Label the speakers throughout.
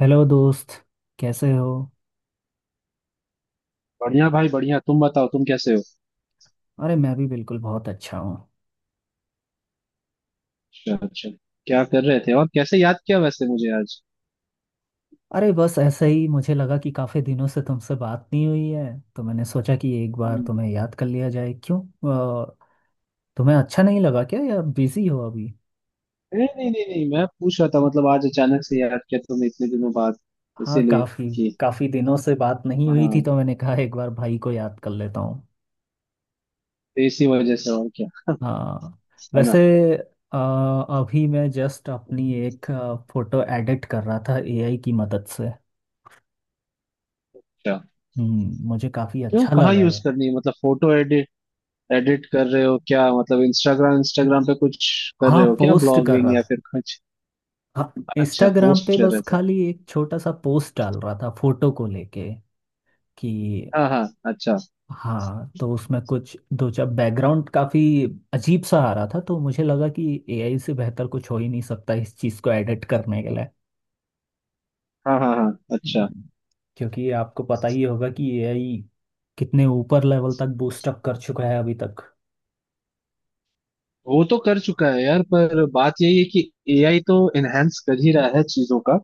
Speaker 1: Hello दोस्त। कैसे हो।
Speaker 2: बढ़िया भाई, बढ़िया। तुम बताओ, तुम कैसे हो।
Speaker 1: अरे मैं भी बिल्कुल बहुत अच्छा हूँ।
Speaker 2: अच्छा, अच्छा। क्या कर रहे थे, और कैसे याद किया वैसे मुझे आज।
Speaker 1: अरे बस ऐसे ही मुझे लगा कि काफ़ी दिनों से तुमसे बात नहीं हुई है, तो मैंने सोचा कि एक बार
Speaker 2: हम्म।
Speaker 1: तुम्हें याद कर लिया जाए, क्यों। अ, तुम्हें अच्छा नहीं लगा क्या, या बिजी हो अभी।
Speaker 2: नहीं नहीं नहीं नहीं, मैं पूछ रहा था मतलब आज अचानक से याद किया तुमने इतने दिनों बाद,
Speaker 1: हाँ,
Speaker 2: इसीलिए
Speaker 1: काफ़ी
Speaker 2: कि।
Speaker 1: काफ़ी दिनों से बात नहीं हुई थी,
Speaker 2: हाँ,
Speaker 1: तो मैंने कहा एक बार भाई को याद कर लेता हूँ।
Speaker 2: तो इसी वजह से और क्या।
Speaker 1: हाँ।
Speaker 2: है
Speaker 1: वैसे,
Speaker 2: ना।
Speaker 1: अ, अभी मैं जस्ट अपनी एक फ़ोटो एडिट कर रहा था एआई की मदद से।
Speaker 2: अच्छा।
Speaker 1: हम्म, मुझे काफ़ी
Speaker 2: क्यों,
Speaker 1: अच्छा
Speaker 2: कहाँ
Speaker 1: लगा
Speaker 2: यूज
Speaker 1: ये।
Speaker 2: करनी है, मतलब फोटो एडिट, एडिट कर रहे हो क्या, मतलब इंस्टाग्राम, इंस्टाग्राम पे कुछ कर
Speaker 1: हाँ,
Speaker 2: रहे हो क्या,
Speaker 1: पोस्ट कर
Speaker 2: ब्लॉगिंग
Speaker 1: रहा
Speaker 2: या
Speaker 1: था।
Speaker 2: फिर कुछ?
Speaker 1: हाँ,
Speaker 2: अच्छा,
Speaker 1: इंस्टाग्राम पे
Speaker 2: पोस्ट कर
Speaker 1: बस
Speaker 2: रहे थे।
Speaker 1: खाली एक छोटा सा पोस्ट डाल रहा था फोटो को लेके कि।
Speaker 2: हाँ हाँ, अच्छा।
Speaker 1: हाँ, तो उसमें कुछ दो चार बैकग्राउंड काफी अजीब सा आ रहा था, तो मुझे लगा कि एआई से बेहतर कुछ हो ही नहीं सकता इस चीज को एडिट करने के लिए।
Speaker 2: हाँ हाँ हाँ, अच्छा।
Speaker 1: हम्म। क्योंकि आपको पता ही होगा कि एआई कितने ऊपर लेवल तक बूस्ट अप कर चुका है अभी तक।
Speaker 2: वो तो कर चुका है यार, पर बात यही है कि एआई तो एनहेंस कर ही रहा है चीजों का।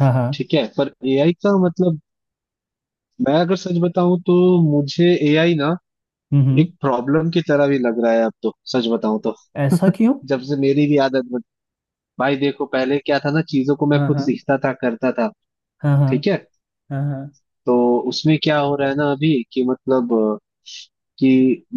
Speaker 1: हाँ हाँ।
Speaker 2: ठीक है, पर एआई का मतलब, मैं अगर सच बताऊं तो, मुझे एआई ना
Speaker 1: हम्म।
Speaker 2: एक प्रॉब्लम की तरह भी लग रहा है अब तो, सच बताऊं तो,
Speaker 1: ऐसा क्यों।
Speaker 2: जब से मेरी भी आदत भाई देखो, पहले क्या था ना, चीजों को मैं
Speaker 1: हाँ
Speaker 2: खुद
Speaker 1: हाँ
Speaker 2: सीखता था, करता था।
Speaker 1: हाँ हाँ
Speaker 2: ठीक है।
Speaker 1: हाँ हाँ
Speaker 2: तो उसमें क्या हो रहा है ना अभी, कि मतलब कि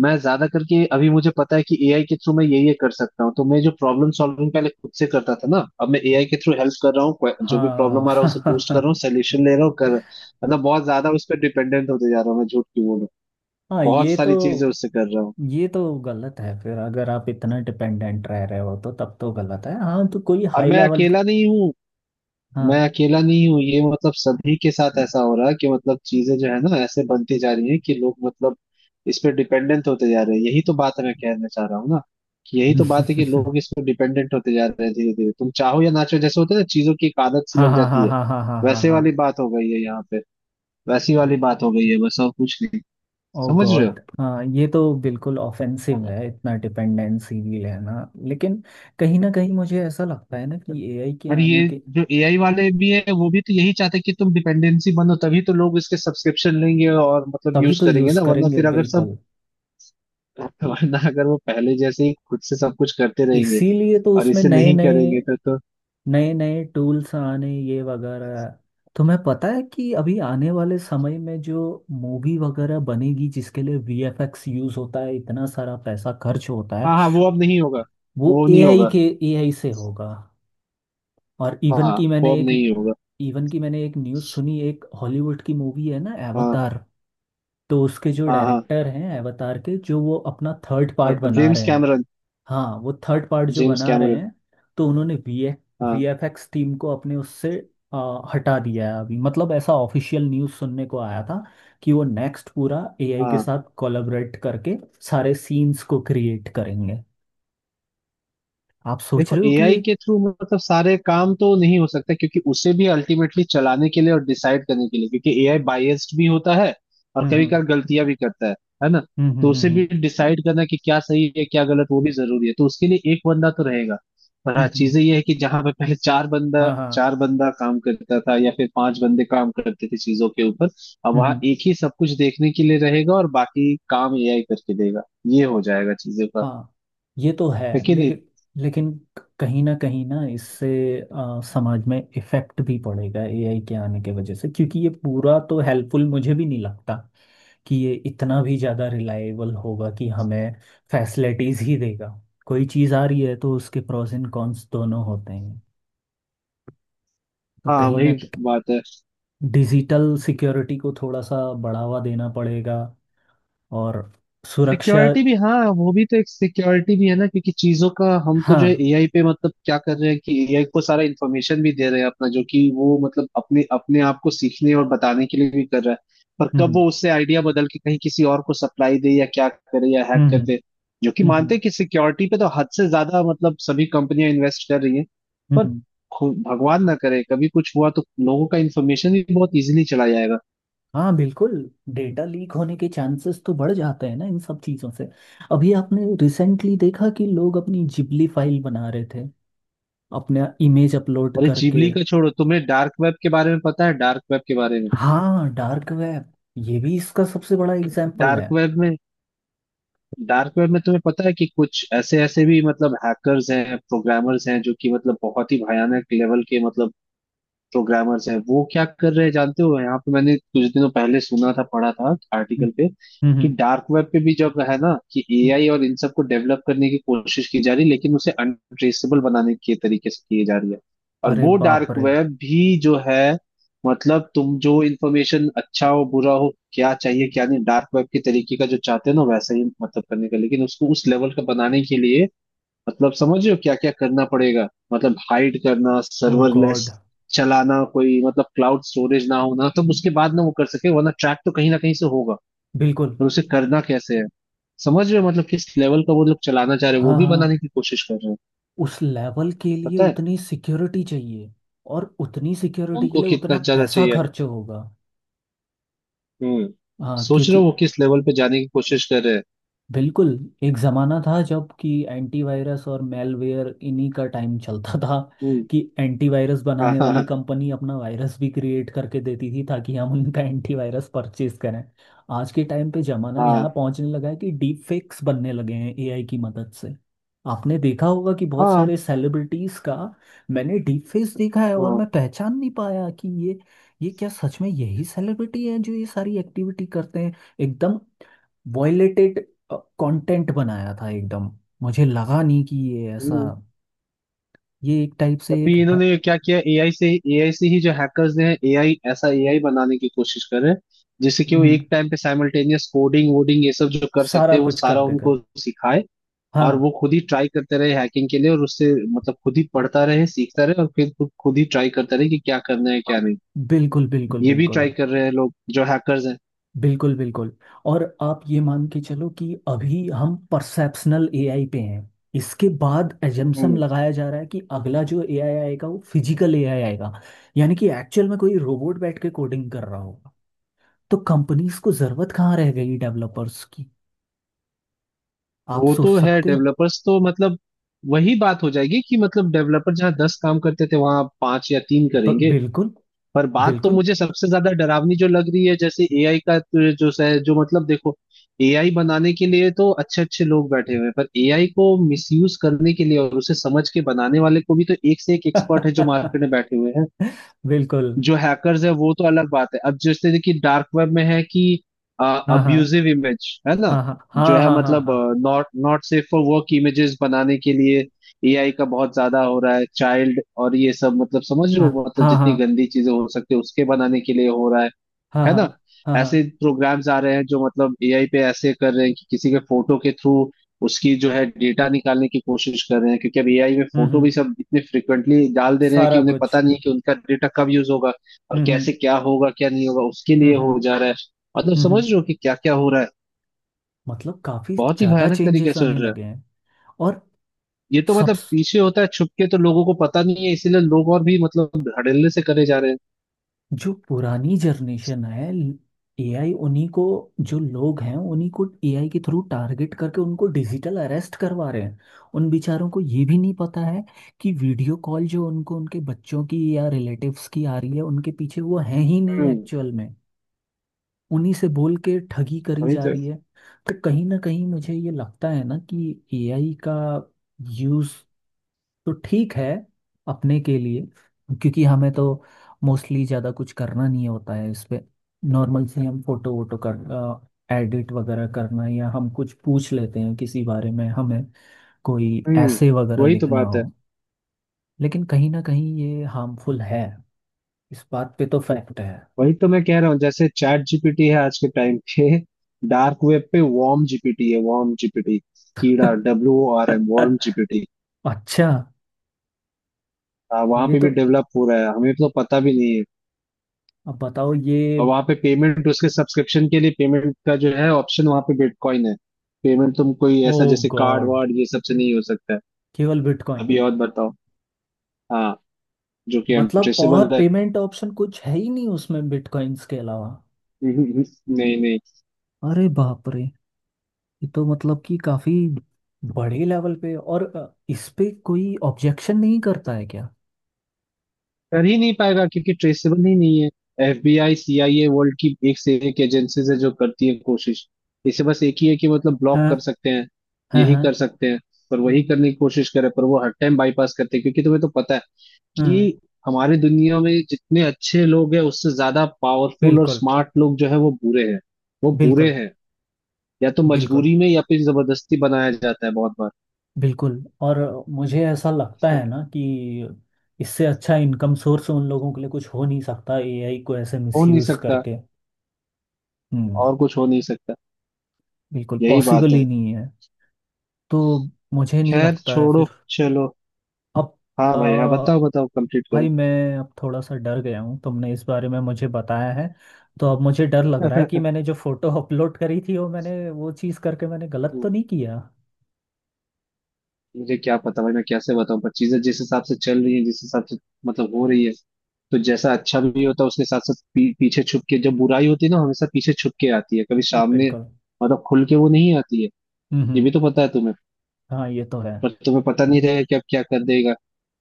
Speaker 2: मैं ज्यादा करके अभी मुझे पता है कि एआई के थ्रू मैं ये कर सकता हूँ, तो मैं जो प्रॉब्लम सॉल्विंग पहले खुद से करता था ना, अब मैं एआई के थ्रू हेल्प कर रहा हूँ, जो भी
Speaker 1: हाँ।
Speaker 2: प्रॉब्लम आ रहा है उसे पूछ कर रहा हूँ, सोल्यूशन ले रहा हूँ, कर मतलब बहुत ज्यादा उस पर डिपेंडेंट होते जा रहा हूँ, मैं झूठ क्यों बोलूँ।
Speaker 1: हाँ,
Speaker 2: बहुत
Speaker 1: ये तो,
Speaker 2: सारी चीजें उससे कर रहा हूँ।
Speaker 1: ये तो गलत है फिर। अगर आप इतना डिपेंडेंट रह रहे हो तो तब तो गलत है। हाँ, तो कोई
Speaker 2: और
Speaker 1: हाई
Speaker 2: मैं
Speaker 1: लेवल की।
Speaker 2: अकेला नहीं हूँ।
Speaker 1: हाँ।
Speaker 2: मैं अकेला नहीं हूँ, ये मतलब सभी के साथ ऐसा हो रहा है, कि मतलब चीजें जो है ना ऐसे बनती जा रही हैं कि लोग मतलब इस पे डिपेंडेंट होते जा रहे हैं, यही तो बात मैं कहना चाह रहा हूँ ना। कि यही तो बात है कि लोग इस पे डिपेंडेंट होते जा रहे हैं धीरे धीरे, तुम चाहो या ना चाहो, जैसे होता है ना चीजों की एक आदत सी
Speaker 1: हाँ
Speaker 2: लग
Speaker 1: हाँ हाँ
Speaker 2: जाती है,
Speaker 1: हाँ हाँ हाँ हाँ
Speaker 2: वैसे
Speaker 1: हाँ।
Speaker 2: वाली बात हो गई है यहाँ पे। वैसी वाली बात हो गई है बस, और कुछ नहीं।
Speaker 1: ओ
Speaker 2: समझ रहे हो।
Speaker 1: गॉड, हाँ ये तो बिल्कुल ऑफेंसिव
Speaker 2: हाँ।
Speaker 1: है इतना डिपेंडेंसी भी लेना। लेकिन कहीं ना कहीं मुझे ऐसा लगता है ना कि एआई के
Speaker 2: और
Speaker 1: आने
Speaker 2: ये
Speaker 1: के,
Speaker 2: जो एआई वाले भी है वो भी तो यही चाहते हैं कि तुम डिपेंडेंसी बनो, तभी तो लोग इसके सब्सक्रिप्शन लेंगे और मतलब
Speaker 1: तभी
Speaker 2: यूज
Speaker 1: तो
Speaker 2: करेंगे
Speaker 1: यूज़
Speaker 2: ना, वरना
Speaker 1: करेंगे
Speaker 2: फिर अगर सब
Speaker 1: बिल्कुल।
Speaker 2: वरना अगर वो पहले जैसे ही खुद से सब कुछ करते रहेंगे
Speaker 1: इसीलिए तो
Speaker 2: और
Speaker 1: उसमें
Speaker 2: इसे नहीं करेंगे तो।
Speaker 1: नए नए टूल्स आने ये वगैरह। तुम्हें पता है कि अभी आने वाले समय में जो मूवी वगैरह बनेगी जिसके लिए वीएफएक्स यूज होता है, इतना सारा पैसा खर्च होता है।
Speaker 2: हाँ हाँ, वो अब नहीं होगा।
Speaker 1: वो
Speaker 2: वो नहीं
Speaker 1: एआई
Speaker 2: होगा।
Speaker 1: के एआई से होगा। और
Speaker 2: हाँ, वो अब नहीं होगा।
Speaker 1: इवन की मैंने एक न्यूज़ सुनी, एक हॉलीवुड की मूवी है ना,
Speaker 2: हाँ
Speaker 1: एवतार। तो उसके जो
Speaker 2: हाँ हाँ,
Speaker 1: डायरेक्टर हैं एवतार के, जो वो अपना थर्ड पार्ट
Speaker 2: हाँ,
Speaker 1: बना
Speaker 2: जेम्स
Speaker 1: रहे हैं।
Speaker 2: कैमरन।
Speaker 1: हाँ, वो थर्ड पार्ट जो
Speaker 2: जेम्स
Speaker 1: बना रहे
Speaker 2: कैमरन।
Speaker 1: हैं, तो उन्होंने वी
Speaker 2: हाँ
Speaker 1: वीएफएक्स टीम को अपने उससे हटा दिया है अभी, मतलब ऐसा ऑफिशियल न्यूज़ सुनने को आया था कि वो नेक्स्ट पूरा एआई के
Speaker 2: हाँ।
Speaker 1: साथ कोलैबोरेट करके सारे सीन्स को क्रिएट करेंगे। आप सोच
Speaker 2: देखो,
Speaker 1: रहे हो कि
Speaker 2: एआई
Speaker 1: ये।
Speaker 2: के थ्रू मतलब सारे काम तो नहीं हो सकते, क्योंकि उसे भी अल्टीमेटली चलाने के लिए और डिसाइड करने के लिए, क्योंकि एआई बायस्ड भी होता है और
Speaker 1: हम्म
Speaker 2: कभी
Speaker 1: हम्म
Speaker 2: कभार गलतियां भी करता है ना।
Speaker 1: हम्म
Speaker 2: तो
Speaker 1: हम्म
Speaker 2: उसे भी
Speaker 1: हम्म
Speaker 2: डिसाइड करना कि क्या सही है क्या गलत, वो भी जरूरी है, तो उसके लिए एक बंदा तो रहेगा। पर हाँ,
Speaker 1: हम्म।
Speaker 2: चीजें ये है कि जहां पे पहले
Speaker 1: हाँ
Speaker 2: चार बंदा काम करता था या फिर पांच बंदे काम करते थे चीजों के ऊपर, अब वहां
Speaker 1: हाँ।
Speaker 2: एक ही सब कुछ देखने के लिए रहेगा और बाकी काम एआई करके देगा। ये हो जाएगा चीजों का,
Speaker 1: हाँ, ये तो है।
Speaker 2: है कि नहीं।
Speaker 1: लेकिन, लेकिन कहीं ना इससे समाज में इफेक्ट भी पड़ेगा एआई के आने के वजह से, क्योंकि ये पूरा तो हेल्पफुल मुझे भी नहीं लगता कि ये इतना भी ज़्यादा रिलायबल होगा कि हमें फैसिलिटीज़ ही देगा। कोई चीज़ आ रही है तो उसके प्रोस एंड कॉन्स दोनों होते हैं। तो
Speaker 2: हाँ,
Speaker 1: कहीं ना,
Speaker 2: वही बात है।
Speaker 1: डिजिटल सिक्योरिटी को थोड़ा सा बढ़ावा देना पड़ेगा, और सुरक्षा।
Speaker 2: सिक्योरिटी भी हाँ, वो भी तो एक सिक्योरिटी भी है ना, क्योंकि चीजों का, हम तो जो है
Speaker 1: हाँ।
Speaker 2: एआई पे मतलब क्या कर रहे हैं कि एआई को सारा इन्फॉर्मेशन भी दे रहे हैं अपना, जो कि वो मतलब अपने अपने आप को सीखने और बताने के लिए भी कर रहा है। पर कब
Speaker 1: हम्म
Speaker 2: वो उससे आइडिया बदल के कहीं किसी और को सप्लाई दे, या क्या करे, या हैक
Speaker 1: हम्म
Speaker 2: कर
Speaker 1: हम्म
Speaker 2: दे। जो कि
Speaker 1: हम्म
Speaker 2: मानते
Speaker 1: हम्म,
Speaker 2: हैं कि सिक्योरिटी पे तो हद से ज्यादा मतलब सभी कंपनियां इन्वेस्ट कर रही हैं, पर
Speaker 1: हम्म।
Speaker 2: भगवान ना करे कभी कुछ हुआ तो लोगों का इन्फॉर्मेशन भी बहुत इजीली चला जाएगा।
Speaker 1: हाँ, बिल्कुल। डेटा लीक होने के चांसेस तो बढ़ जाते हैं ना इन सब चीज़ों से। अभी आपने रिसेंटली देखा कि लोग अपनी जिबली फाइल बना रहे थे अपना इमेज अपलोड
Speaker 2: अरे,
Speaker 1: करके।
Speaker 2: जीवली का छोड़ो, तुम्हें डार्क वेब के बारे में पता है? डार्क वेब के बारे में?
Speaker 1: हाँ, डार्क वेब, ये भी इसका सबसे बड़ा एग्जाम्पल
Speaker 2: डार्क
Speaker 1: है।
Speaker 2: वेब में, डार्क वेब में तुम्हें पता है कि कुछ ऐसे ऐसे भी मतलब हैकर्स हैं, प्रोग्रामर्स हैं, जो कि मतलब बहुत ही भयानक लेवल के मतलब प्रोग्रामर्स हैं। वो क्या कर रहे हैं जानते हो, यहाँ पे मैंने कुछ दिनों पहले सुना था, पढ़ा था
Speaker 1: हम्म
Speaker 2: आर्टिकल पे, कि
Speaker 1: हम्म,
Speaker 2: डार्क वेब पे भी जब है ना कि
Speaker 1: हम्म।
Speaker 2: एआई और इन सबको डेवलप करने की कोशिश की जा रही है, लेकिन उसे अनट्रेसेबल बनाने के तरीके से किए जा रही है। और
Speaker 1: अरे
Speaker 2: वो
Speaker 1: बाप
Speaker 2: डार्क
Speaker 1: रे।
Speaker 2: वेब भी जो है, मतलब तुम जो इन्फॉर्मेशन, अच्छा हो बुरा हो, क्या चाहिए क्या नहीं, डार्क वेब के तरीके का जो चाहते हैं ना वैसा ही मतलब करने का, लेकिन उसको उस लेवल का बनाने के लिए, मतलब समझ रहे हो क्या क्या करना पड़ेगा। मतलब हाइड करना,
Speaker 1: ओ गॉड।
Speaker 2: सर्वरलेस चलाना, कोई मतलब क्लाउड स्टोरेज ना होना, तब उसके बाद ना वो कर सके, वरना ट्रैक तो कहीं ना कहीं से होगा।
Speaker 1: बिल्कुल।
Speaker 2: पर उसे करना कैसे है, समझ रहे हो मतलब किस लेवल का वो लोग चलाना चाह रहे हैं, वो
Speaker 1: हाँ
Speaker 2: भी
Speaker 1: हाँ।
Speaker 2: बनाने की कोशिश कर रहे हैं।
Speaker 1: उस लेवल के लिए
Speaker 2: पता है
Speaker 1: उतनी सिक्योरिटी चाहिए, और उतनी सिक्योरिटी के
Speaker 2: उनको
Speaker 1: लिए उतना
Speaker 2: कितना ज्यादा
Speaker 1: पैसा
Speaker 2: चाहिए।
Speaker 1: खर्च होगा।
Speaker 2: हम्म।
Speaker 1: हाँ,
Speaker 2: सोच रहे हो
Speaker 1: क्योंकि,
Speaker 2: वो किस लेवल पे जाने की कोशिश कर रहे हैं।
Speaker 1: बिल्कुल। एक ज़माना था जब कि एंटीवायरस और मेलवेयर इन्हीं का टाइम चलता था
Speaker 2: हम्म।
Speaker 1: कि एंटीवायरस
Speaker 2: हाँ
Speaker 1: बनाने वाली
Speaker 2: हाँ
Speaker 1: कंपनी अपना वायरस भी क्रिएट करके देती थी ताकि हम उनका एंटीवायरस परचेज करें। आज के टाइम पे ज़माना
Speaker 2: हाँ
Speaker 1: यहाँ पहुँचने लगा है कि डीप फेक्स बनने लगे हैं एआई की मदद से। आपने देखा होगा कि बहुत
Speaker 2: हाँ हाँ
Speaker 1: सारे सेलिब्रिटीज़ का, मैंने डीप फेस देखा है और
Speaker 2: हाँ,
Speaker 1: मैं पहचान नहीं पाया कि ये क्या सच में यही सेलिब्रिटी है जो ये सारी एक्टिविटी करते हैं। एकदम वायलेटेड कंटेंट बनाया था एकदम। मुझे लगा नहीं कि ये ऐसा,
Speaker 2: हाँ।
Speaker 1: ये एक टाइप से एक
Speaker 2: अभी
Speaker 1: है।
Speaker 2: इन्होंने क्या किया, एआई से ही, एआई से ही, जो हैकर्स ने, एआई ऐसा एआई बनाने की कोशिश कर रहे हैं, जिससे कि वो
Speaker 1: हम्म,
Speaker 2: एक टाइम पे साइमल्टेनियस कोडिंग वोडिंग ये सब जो कर सकते
Speaker 1: सारा
Speaker 2: हैं, वो
Speaker 1: कुछ कर
Speaker 2: सारा
Speaker 1: देगा।
Speaker 2: उनको सिखाए। और
Speaker 1: हाँ।
Speaker 2: वो खुद ही ट्राई करते रहे हैकिंग के लिए, और उससे मतलब खुद ही पढ़ता रहे, सीखता रहे, और फिर खुद खुद ही ट्राई करता रहे कि क्या करना है क्या
Speaker 1: खु-
Speaker 2: नहीं।
Speaker 1: बिल्कुल बिल्कुल
Speaker 2: ये भी ट्राई
Speaker 1: बिल्कुल।
Speaker 2: कर रहे हैं लोग, जो हैकर्स हैं।
Speaker 1: बिल्कुल बिल्कुल। और आप ये मान के चलो कि अभी हम परसेप्शनल एआई पे हैं। इसके बाद एजम्पशन
Speaker 2: हम्म।
Speaker 1: लगाया जा रहा है कि अगला जो एआई आएगा वो फिजिकल एआई आएगा, यानी कि एक्चुअल में कोई रोबोट बैठ के कोडिंग कर रहा होगा। तो कंपनीज को जरूरत कहाँ रह गई डेवलपर्स की। आप
Speaker 2: वो
Speaker 1: सोच
Speaker 2: तो है,
Speaker 1: सकते हो।
Speaker 2: डेवलपर्स तो मतलब वही बात हो जाएगी कि मतलब डेवलपर जहाँ 10 काम करते थे, वहां पांच या तीन करेंगे।
Speaker 1: बिल्कुल।
Speaker 2: पर बात तो
Speaker 1: बिल्कुल।
Speaker 2: मुझे सबसे ज्यादा डरावनी जो लग रही है, जैसे एआई का तो जो मतलब देखो, एआई बनाने के लिए तो अच्छे अच्छे लोग बैठे हुए हैं, पर एआई को मिसयूज करने के लिए और उसे समझ के बनाने वाले को भी तो एक से एक एक्सपर्ट है जो मार्केट में बैठे हुए हैं।
Speaker 1: बिल्कुल।
Speaker 2: जो हैकर्स है वो तो अलग बात है। अब जैसे कि डार्क वेब में है कि
Speaker 1: हाँ हाँ
Speaker 2: अब्यूजिव इमेज है ना,
Speaker 1: हाँ
Speaker 2: जो
Speaker 1: हाँ
Speaker 2: है
Speaker 1: हाँ हाँ
Speaker 2: मतलब
Speaker 1: हाँ
Speaker 2: not not safe for work images बनाने के लिए एआई का बहुत ज्यादा हो रहा है, चाइल्ड और ये सब, मतलब समझ रहे
Speaker 1: हाँ
Speaker 2: हो, मतलब
Speaker 1: हाँ हाँ
Speaker 2: जितनी गंदी चीजें हो सकती है उसके बनाने के लिए हो रहा है
Speaker 1: हाँ
Speaker 2: है
Speaker 1: हाँ
Speaker 2: ना।
Speaker 1: हाँ हाँ
Speaker 2: ऐसे
Speaker 1: हाँ।
Speaker 2: प्रोग्राम्स आ रहे हैं जो मतलब एआई पे ऐसे कर रहे हैं कि किसी के फोटो के थ्रू उसकी जो है डेटा निकालने की कोशिश कर रहे हैं, क्योंकि अब एआई में फोटो
Speaker 1: हम्म,
Speaker 2: भी सब इतने फ्रिक्वेंटली डाल दे रहे हैं कि
Speaker 1: सारा
Speaker 2: उन्हें
Speaker 1: कुछ।
Speaker 2: पता नहीं है कि उनका डेटा कब यूज होगा और
Speaker 1: हम्म हम्म
Speaker 2: कैसे, क्या होगा क्या नहीं होगा उसके
Speaker 1: हम्म
Speaker 2: लिए
Speaker 1: हम्म
Speaker 2: हो जा रहा है। मतलब
Speaker 1: हम्म,
Speaker 2: समझ
Speaker 1: हम्म।
Speaker 2: रहे हो कि क्या क्या हो रहा है,
Speaker 1: मतलब काफी
Speaker 2: बहुत ही
Speaker 1: ज्यादा
Speaker 2: भयानक तरीके
Speaker 1: चेंजेस
Speaker 2: से हो
Speaker 1: आने
Speaker 2: रहा है।
Speaker 1: लगे हैं, और
Speaker 2: ये तो
Speaker 1: सब।
Speaker 2: मतलब पीछे होता है छुप के, तो लोगों को पता नहीं है, इसीलिए लोग और भी मतलब धड़ल्ले से करे जा रहे हैं।
Speaker 1: जो पुरानी जनरेशन है, एआई उन्हीं को, जो लोग हैं उन्हीं को एआई के थ्रू टारगेट करके उनको डिजिटल अरेस्ट करवा रहे हैं। उन बेचारों को ये भी नहीं पता है कि वीडियो कॉल जो उनको उनके बच्चों की या रिलेटिव्स की आ रही है, उनके पीछे वो है ही नहीं
Speaker 2: हम्म,
Speaker 1: एक्चुअल में। उन्हीं से बोल के ठगी करी
Speaker 2: वही
Speaker 1: जा
Speaker 2: तो।
Speaker 1: रही है। तो कहीं ना कहीं मुझे ये लगता है ना कि एआई का यूज़ तो ठीक है अपने के लिए, क्योंकि हमें तो मोस्टली ज़्यादा कुछ करना नहीं होता है इस पे। नॉर्मल से हम फोटो वोटो कर एडिट वगैरह करना, या हम कुछ पूछ लेते हैं किसी बारे में हमें, कोई
Speaker 2: हम्म,
Speaker 1: ऐसे वगैरह
Speaker 2: वही तो
Speaker 1: लिखना
Speaker 2: बात है।
Speaker 1: हो। लेकिन कहीं ना कहीं ये हार्मफुल है, इस बात पे तो फैक्ट है।
Speaker 2: वही तो मैं कह रहा हूँ, जैसे चैट जीपीटी है आज के टाइम पे, डार्क वेब पे वॉर्म जीपीटी है। वॉर्म जीपीटी, कीड़ा, WORM वॉर्म जीपीटी।
Speaker 1: अच्छा।
Speaker 2: वहां
Speaker 1: ये
Speaker 2: पे भी
Speaker 1: तो,
Speaker 2: डेवलप हो रहा है, हमें तो पता भी नहीं है।
Speaker 1: अब बताओ ये।
Speaker 2: और वहां पे पेमेंट, उसके सब्सक्रिप्शन के लिए पेमेंट का जो है ऑप्शन वहां पे बिटकॉइन है। पेमेंट तुम कोई
Speaker 1: ओ
Speaker 2: ऐसा जैसे कार्ड
Speaker 1: गॉड,
Speaker 2: वार्ड ये सब से नहीं हो सकता है।
Speaker 1: केवल बिटकॉइन।
Speaker 2: अभी और बताओ। हाँ, जो कि
Speaker 1: मतलब और
Speaker 2: अनट्रेसेबल है।
Speaker 1: पेमेंट ऑप्शन कुछ है ही नहीं उसमें बिटकॉइंस के अलावा।
Speaker 2: नहीं नहीं,
Speaker 1: अरे बाप रे। ये तो मतलब कि काफी बड़े लेवल पे। और इस पे कोई ऑब्जेक्शन नहीं करता है क्या।
Speaker 2: कर ही नहीं पाएगा, क्योंकि ट्रेसेबल ही नहीं है। एफबीआई, सीआईए, वर्ल्ड की एक से एक एजेंसीज है जो करती है कोशिश। इसे बस एक ही है कि मतलब ब्लॉक
Speaker 1: हाँ
Speaker 2: कर सकते हैं,
Speaker 1: हाँ।
Speaker 2: यही
Speaker 1: हाँ
Speaker 2: कर सकते हैं। पर वही करने की कोशिश करे, पर वो हर टाइम बाईपास करते हैं, क्योंकि तुम्हें तो पता है
Speaker 1: हाँ।
Speaker 2: कि हमारे दुनिया में जितने अच्छे लोग हैं उससे ज्यादा पावरफुल और
Speaker 1: बिल्कुल।
Speaker 2: स्मार्ट लोग जो है वो बुरे हैं। वो बुरे
Speaker 1: बिल्कुल।
Speaker 2: हैं, या तो
Speaker 1: बिल्कुल।
Speaker 2: मजबूरी में या फिर जबरदस्ती बनाया जाता है बहुत बार।
Speaker 1: बिल्कुल। और मुझे ऐसा लगता है ना कि इससे अच्छा इनकम सोर्स उन लोगों के लिए कुछ हो नहीं सकता एआई को ऐसे
Speaker 2: हो नहीं
Speaker 1: मिसयूज
Speaker 2: सकता,
Speaker 1: करके। हम्म।
Speaker 2: और कुछ हो नहीं सकता,
Speaker 1: बिल्कुल,
Speaker 2: यही
Speaker 1: पॉसिबल
Speaker 2: बात है।
Speaker 1: ही नहीं है। तो मुझे नहीं
Speaker 2: खैर
Speaker 1: लगता है
Speaker 2: छोड़ो,
Speaker 1: फिर।
Speaker 2: चलो।
Speaker 1: अब,
Speaker 2: हाँ भाई, हाँ बताओ बताओ, कंप्लीट करो।
Speaker 1: भाई मैं अब थोड़ा सा डर गया हूँ तुमने इस बारे में मुझे बताया है, तो अब मुझे डर लग रहा है कि मैंने जो फोटो अपलोड करी थी, वो मैंने वो चीज़ करके मैंने गलत
Speaker 2: हम्म,
Speaker 1: तो नहीं किया।
Speaker 2: मुझे क्या पता भाई मैं कैसे बताऊं, पर चीजें जिस हिसाब से चल रही हैं, जिस हिसाब से मतलब हो रही है, तो जैसा अच्छा भी होता है उसके साथ साथ पीछे छुप के जब बुराई होती है ना, हमेशा पीछे छुप के आती है, कभी सामने
Speaker 1: बिल्कुल।
Speaker 2: मतलब खुल के वो नहीं आती है।
Speaker 1: हम्म।
Speaker 2: ये भी तो पता है तुम्हें।
Speaker 1: हाँ, ये तो है।
Speaker 2: पर तुम्हें पता नहीं रहेगा कि अब क्या कर देगा,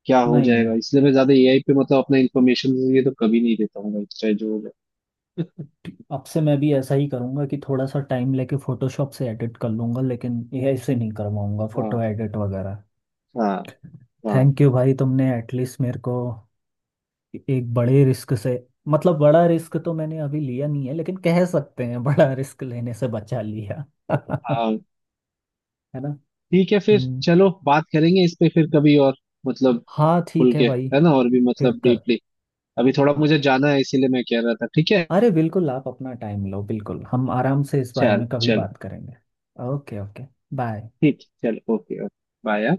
Speaker 2: क्या हो
Speaker 1: नहीं,
Speaker 2: जाएगा, इसलिए मैं ज्यादा एआई पे मतलब अपना इंफॉर्मेशन ये तो कभी नहीं देता हूँ भाई, चाहे जो हो जाए।
Speaker 1: अब से मैं भी ऐसा ही करूँगा कि थोड़ा सा टाइम लेके फोटोशॉप से एडिट कर लूँगा लेकिन ये ऐसे नहीं करवाऊँगा
Speaker 2: हाँ
Speaker 1: फोटो एडिट वगैरह।
Speaker 2: हाँ हाँ
Speaker 1: थैंक यू भाई, तुमने एटलीस्ट मेरे को एक बड़े रिस्क से, मतलब बड़ा रिस्क तो मैंने अभी लिया नहीं है, लेकिन कह सकते हैं बड़ा रिस्क लेने से बचा लिया है
Speaker 2: हाँ,
Speaker 1: ना।
Speaker 2: ठीक है फिर।
Speaker 1: हम्म।
Speaker 2: चलो बात करेंगे इस पे फिर कभी और, मतलब
Speaker 1: हाँ ठीक
Speaker 2: खुल
Speaker 1: है
Speaker 2: के,
Speaker 1: भाई।
Speaker 2: है ना, और भी
Speaker 1: फिर
Speaker 2: मतलब
Speaker 1: कर,
Speaker 2: डीपली, अभी थोड़ा
Speaker 1: हाँ,
Speaker 2: मुझे जाना है इसीलिए मैं कह रहा था। ठीक है,
Speaker 1: अरे बिल्कुल आप अपना टाइम लो, बिल्कुल हम आराम से इस बारे
Speaker 2: चल
Speaker 1: में कभी
Speaker 2: चलो।
Speaker 1: बात करेंगे। Okay okay. बाय।
Speaker 2: ठीक, चलो। Okay okay. बाय।